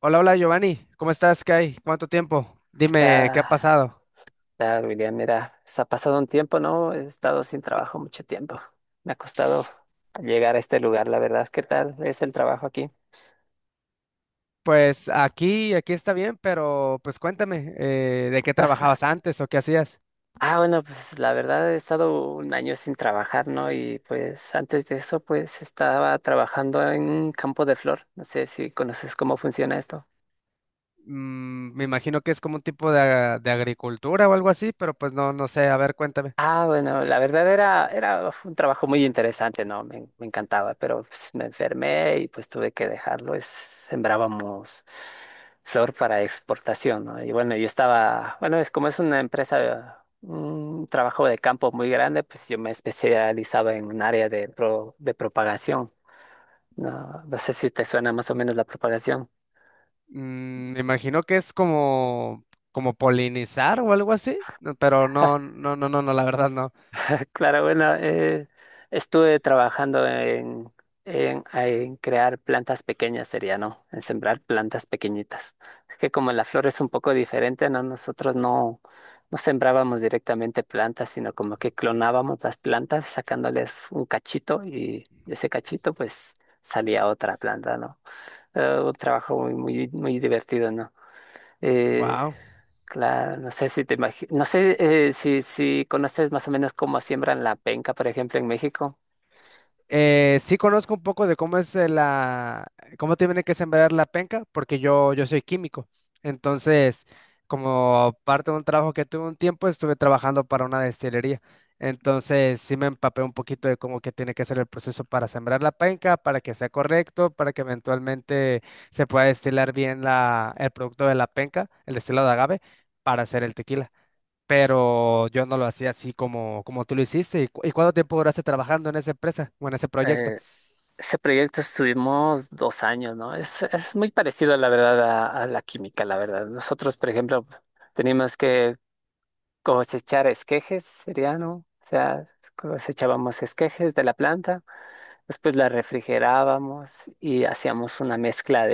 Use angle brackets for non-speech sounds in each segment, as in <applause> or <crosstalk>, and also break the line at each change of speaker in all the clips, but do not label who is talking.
Hola, hola Giovanni, ¿cómo estás? ¿Qué hay? ¿Cuánto tiempo? Dime, ¿qué ha
Está,
pasado?
está, William, mira, se ha pasado un tiempo, ¿no? He estado sin trabajo mucho tiempo. Me ha costado llegar a este lugar, la verdad. ¿Qué tal es el trabajo aquí?
Pues aquí está bien, pero pues cuéntame, ¿de qué trabajabas antes o qué hacías?
Ah, bueno, pues la verdad he estado un año sin trabajar, ¿no? Y pues antes de eso, pues estaba trabajando en un campo de flor. No sé si conoces cómo funciona esto.
Mm, me imagino que es como un tipo de agricultura o algo así, pero pues no, no sé, a ver, cuéntame.
Ah, bueno, la verdad era, era fue un trabajo muy interesante, ¿no? Me encantaba, pero pues, me enfermé y pues tuve que dejarlo. Es, sembrábamos flor para exportación, ¿no? Y bueno, yo estaba, bueno, es como es una empresa, un trabajo de campo muy grande, pues yo me especializaba en un área de propagación, ¿no? No sé si te suena más o menos la propagación.
Mm, me imagino que es como, como polinizar o algo así, no, pero no, no, no, no, no, la verdad
Claro, bueno, estuve trabajando en crear plantas pequeñas, sería, ¿no? En sembrar plantas pequeñitas. Es que como la flor es un poco diferente, ¿no? Nosotros no, no sembrábamos directamente plantas, sino como que clonábamos las plantas sacándoles un cachito y de ese cachito pues salía otra planta, ¿no? Un trabajo muy, muy, muy divertido, ¿no? Eh,
no.
claro, no sé si conoces más o menos cómo siembran la penca, por ejemplo, en México.
Sí conozco un poco de cómo es la, cómo tiene que sembrar la penca, porque yo soy químico. Entonces, como parte de un trabajo que tuve un tiempo, estuve trabajando para una destilería. Entonces, sí me empapé un poquito de cómo que tiene que ser el proceso para sembrar la penca, para que sea correcto, para que eventualmente se pueda destilar bien la, el producto de la penca, el destilado de agave, para hacer el tequila, pero yo no lo hacía así como, como tú lo hiciste. ¿Y, y cuánto tiempo duraste trabajando en esa empresa o en ese proyecto?
Eh, ese proyecto estuvimos 2 años, ¿no? Es muy parecido, la verdad, a la química, la verdad. Nosotros, por ejemplo, teníamos que cosechar esquejes, sería, ¿no? O sea, cosechábamos esquejes de la planta, después la refrigerábamos y hacíamos una mezcla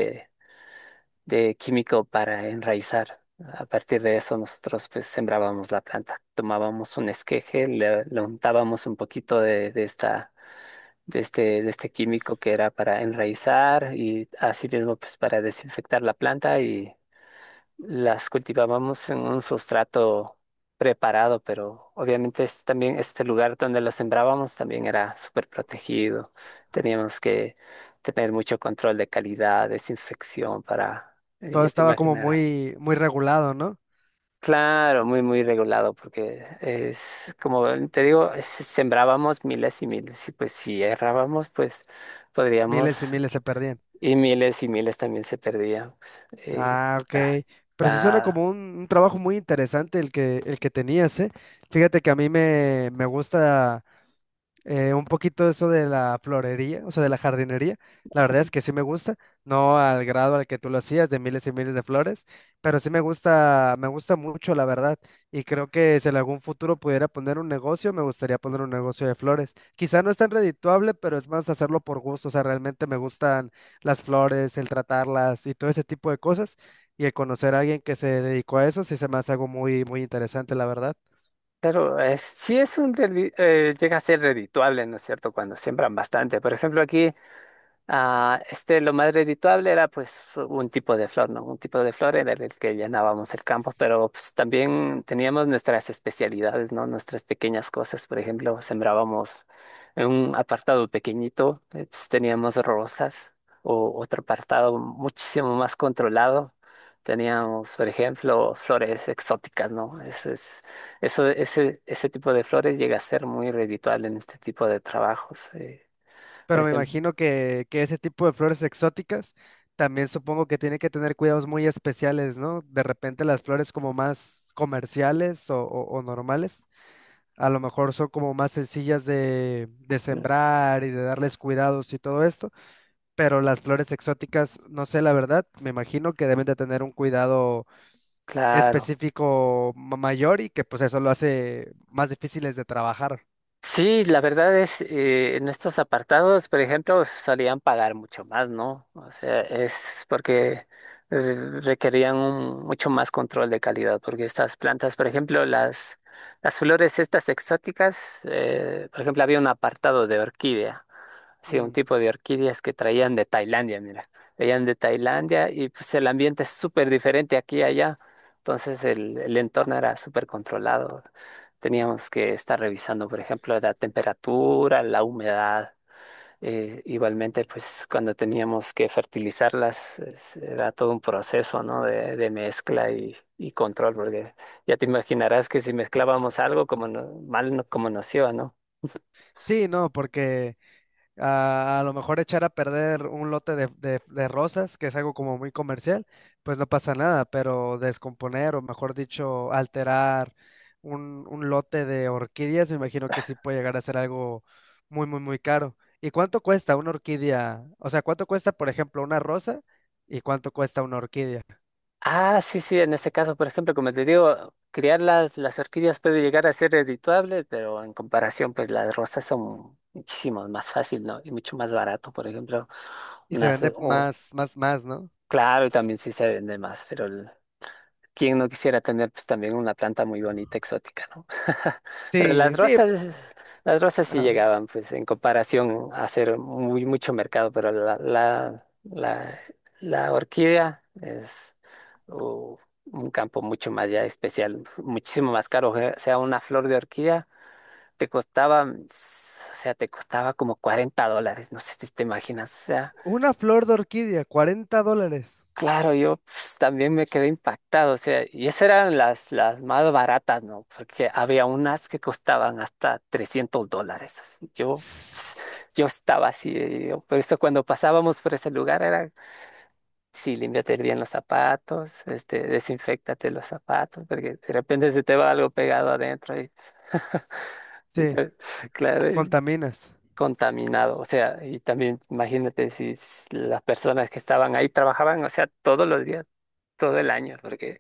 de químico para enraizar. A partir de eso nosotros pues sembrábamos la planta, tomábamos un esqueje, le untábamos un poquito de este químico que era para enraizar y así mismo pues para desinfectar la planta y las cultivábamos en un sustrato preparado, pero obviamente este también este lugar donde lo sembrábamos también era súper protegido. Teníamos que tener mucho control de calidad, desinfección para,
Todo
ya te
estaba como
imaginarás.
muy, muy regulado, ¿no?
Claro, muy, muy regulado, porque es como te digo, sembrábamos miles y miles, y pues si errábamos, pues
Miles y
podríamos,
miles se perdían.
y miles también se perdían.
Ah, ok.
Ah,
Pero sí suena
la-
como un trabajo muy interesante el el que tenías, ¿eh? Fíjate que a me gusta un poquito eso de la florería, o sea, de la jardinería. La verdad es que sí me gusta, no al grado al que tú lo hacías, de miles y miles de flores, pero sí me gusta mucho, la verdad. Y creo que si en algún futuro pudiera poner un negocio, me gustaría poner un negocio de flores. Quizá no es tan redituable, pero es más hacerlo por gusto. O sea, realmente me gustan las flores, el tratarlas y todo ese tipo de cosas. Y el conocer a alguien que se dedicó a eso, sí se me hace algo muy, muy interesante, la verdad.
Claro, sí es un, llega a ser redituable, ¿no es cierto? Cuando siembran bastante. Por ejemplo, aquí ah, este, lo más redituable era pues un tipo de flor, ¿no? Un tipo de flor era el que llenábamos el campo, pero pues también teníamos nuestras especialidades, ¿no? Nuestras pequeñas cosas, por ejemplo, sembrábamos en un apartado pequeñito, pues teníamos rosas, o otro apartado muchísimo más controlado, teníamos, por ejemplo, flores exóticas, ¿no? Eso es, eso, ese tipo de flores llega a ser muy redituable en este tipo de trabajos, por
Pero me
ejemplo,
imagino que ese tipo de flores exóticas también supongo que tiene que tener cuidados muy especiales, ¿no? De repente las flores como más comerciales o normales, a lo mejor son como más sencillas de sembrar y de darles cuidados y todo esto, pero las flores exóticas, no sé la verdad, me imagino que deben de tener un cuidado
claro.
específico mayor y que pues eso lo hace más difíciles de trabajar.
Sí, la verdad es, en estos apartados, por ejemplo, solían pagar mucho más, ¿no? O sea, es porque eh, mucho más control de calidad, porque estas plantas, por ejemplo, las flores estas exóticas, por ejemplo, había un apartado de orquídea. Sí, un
Mm.
tipo de orquídeas que traían de Tailandia, mira. Traían de Tailandia y pues el ambiente es súper diferente aquí y allá. Entonces el entorno era súper controlado. Teníamos que estar revisando, por ejemplo, la temperatura, la humedad. Igualmente, pues cuando teníamos que fertilizarlas, era todo un proceso, ¿no? De mezcla y control, porque ya te imaginarás que si mezclábamos algo, como no- mal no- como nos iba, ¿no?
Sí, no, porque a lo mejor echar a perder un lote de rosas, que es algo como muy comercial, pues no pasa nada, pero descomponer o mejor dicho, alterar un lote de orquídeas, me imagino que sí puede llegar a ser algo muy, muy, muy caro. ¿Y cuánto cuesta una orquídea? O sea, ¿cuánto cuesta, por ejemplo, una rosa y cuánto cuesta una orquídea?
Ah, sí, sí, en este caso, por ejemplo, como te digo, criar las orquídeas puede llegar a ser redituable, pero en comparación, pues las rosas son muchísimo más fácil, ¿no? Y mucho más barato, por ejemplo,
Y se
unas,
vende
o,
más, más, más, ¿no?
claro, y también sí se vende más, pero ¿quién no quisiera tener pues también una planta muy bonita, exótica, ¿no? <laughs> Pero
Sí, sí.
las rosas sí
ah,
llegaban, pues en comparación a hacer muy mucho mercado, pero la orquídea es uh, un campo mucho más ya especial, muchísimo más caro. O sea, una flor de orquídea te costaba, o sea, te costaba como $40, no sé si te imaginas, o sea.
una flor de orquídea, $40.
Claro, yo pues, también me quedé impactado, o sea, y esas eran las más baratas, ¿no? Porque había unas que costaban hasta $300. Así, ps,
Sí,
yo estaba así, por eso cuando pasábamos por ese lugar era, sí, límpiate bien los zapatos, este, desinféctate los zapatos, porque de repente se te va algo pegado adentro y, <laughs> y te- claro, y
contaminas.
contaminado. O sea, y también imagínate si s- las personas que estaban ahí trabajaban, o sea, todos los días todo el año, porque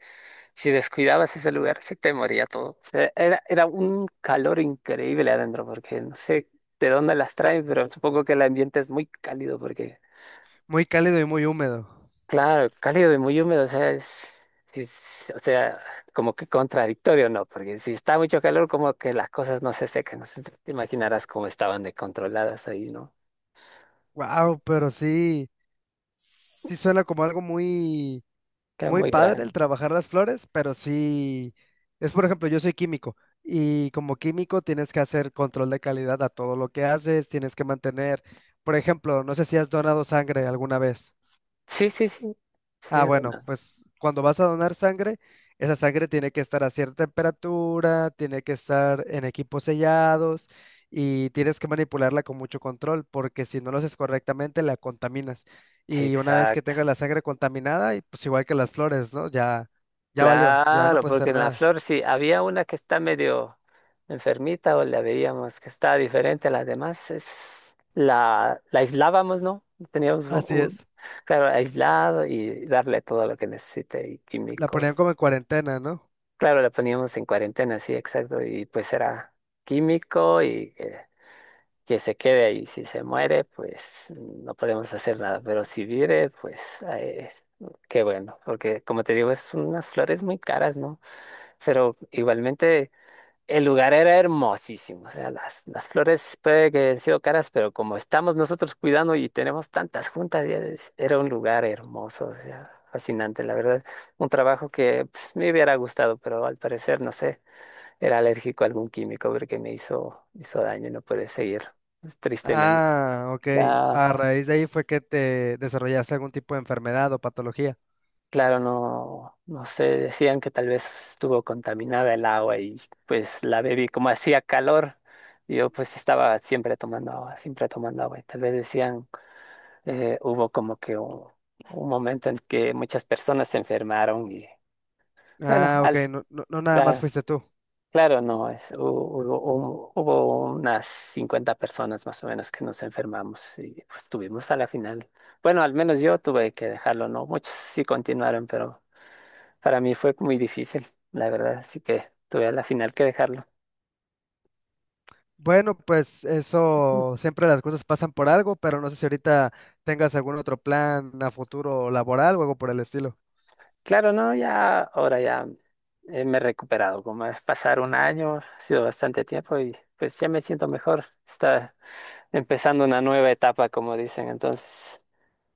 si descuidabas ese lugar, se te moría todo. O sea, era un calor increíble adentro, porque no sé de dónde las traen, pero supongo que el ambiente es muy cálido, porque,
Muy cálido y muy húmedo.
claro, cálido y muy húmedo, o sea, es, o sea, como que contradictorio, ¿no? Porque si está mucho calor, como que las cosas no se secan, no sé, si te imaginarás cómo estaban descontroladas ahí, ¿no?
Wow, pero sí, sí suena como algo muy,
Era
muy
muy
padre
grande.
el trabajar las flores, pero sí, es por ejemplo, yo soy químico y como químico tienes que hacer control de calidad a todo lo que haces, tienes que mantener, por ejemplo, no sé si has donado sangre alguna vez.
Sí, sí, sí. Sí,
Ah,
era
bueno,
una-
pues cuando vas a donar sangre, esa sangre tiene que estar a cierta temperatura, tiene que estar en equipos sellados y tienes que manipularla con mucho control porque si no lo haces correctamente la contaminas. Y una vez que
exacto.
tengas la sangre contaminada, y pues igual que las flores, ¿no? Ya, ya valió, ya no
Claro,
puedes
porque
hacer
en la
nada.
flor sí, había una que está medio enfermita o la veíamos que está diferente a las demás, la aislábamos, ¿no? Teníamos un,
Así
un-
es.
claro, aislado y darle todo lo que necesite y
La ponían
químicos.
como en cuarentena, ¿no?
Claro, la poníamos en cuarentena, sí, exacto, y pues era químico que se quede ahí. Si se muere, pues no podemos hacer nada, pero si vive, pues qué bueno, porque como te digo, es unas flores muy caras, ¿no? Pero igualmente el lugar era hermosísimo. O sea, las flores puede que hayan sido caras, pero como estamos nosotros cuidando y tenemos tantas juntas, era un lugar hermoso, o sea, fascinante, la verdad. Un trabajo que pues, me hubiera gustado, pero al parecer, no sé, era alérgico a algún químico porque me hizo daño y no pude seguir, pues, tristemente.
Ah, ok.
Ya
A raíz de ahí fue que te desarrollaste algún tipo de enfermedad o patología.
claro, no, no sé, decían que tal vez estuvo contaminada el agua y pues la bebí como hacía calor, yo pues estaba siempre tomando agua y tal vez decían, hubo como que un momento en que muchas personas se enfermaron y bueno,
Ah, ok.
al,
No, no, no nada más
la-
fuiste tú.
claro, no, es, hu- hubo, un- hubo unas 50 personas más o menos que nos enfermamos y pues tuvimos a la final, bueno, al menos yo tuve que dejarlo, ¿no? Muchos sí continuaron, pero... Para mí fue muy difícil, la verdad, así que tuve a la final que dejarlo.
Bueno, pues eso, siempre las cosas pasan por algo, pero no sé si ahorita tengas algún otro plan a futuro laboral o algo por el estilo.
Claro, no, ya ahora ya me he recuperado, como es pasar un año, ha sido bastante tiempo y pues ya me siento mejor. Está empezando una nueva etapa, como dicen, entonces.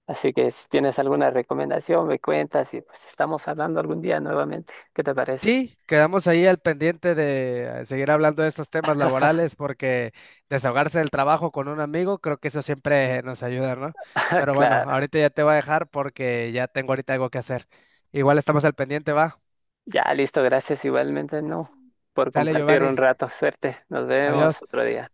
Así que si tienes alguna recomendación, me cuentas y pues estamos hablando algún día nuevamente. ¿Qué te parece?
Sí, quedamos ahí al pendiente de seguir hablando de estos temas laborales porque desahogarse del trabajo con un amigo, creo que eso siempre nos ayuda, ¿no?
<laughs>
Pero bueno,
Claro.
ahorita ya te voy a dejar porque ya tengo ahorita algo que hacer. Igual estamos al pendiente, va.
Ya, listo, gracias igualmente, no, por
Sale
compartir
Giovanni,
un rato. Suerte, nos vemos
adiós.
otro día.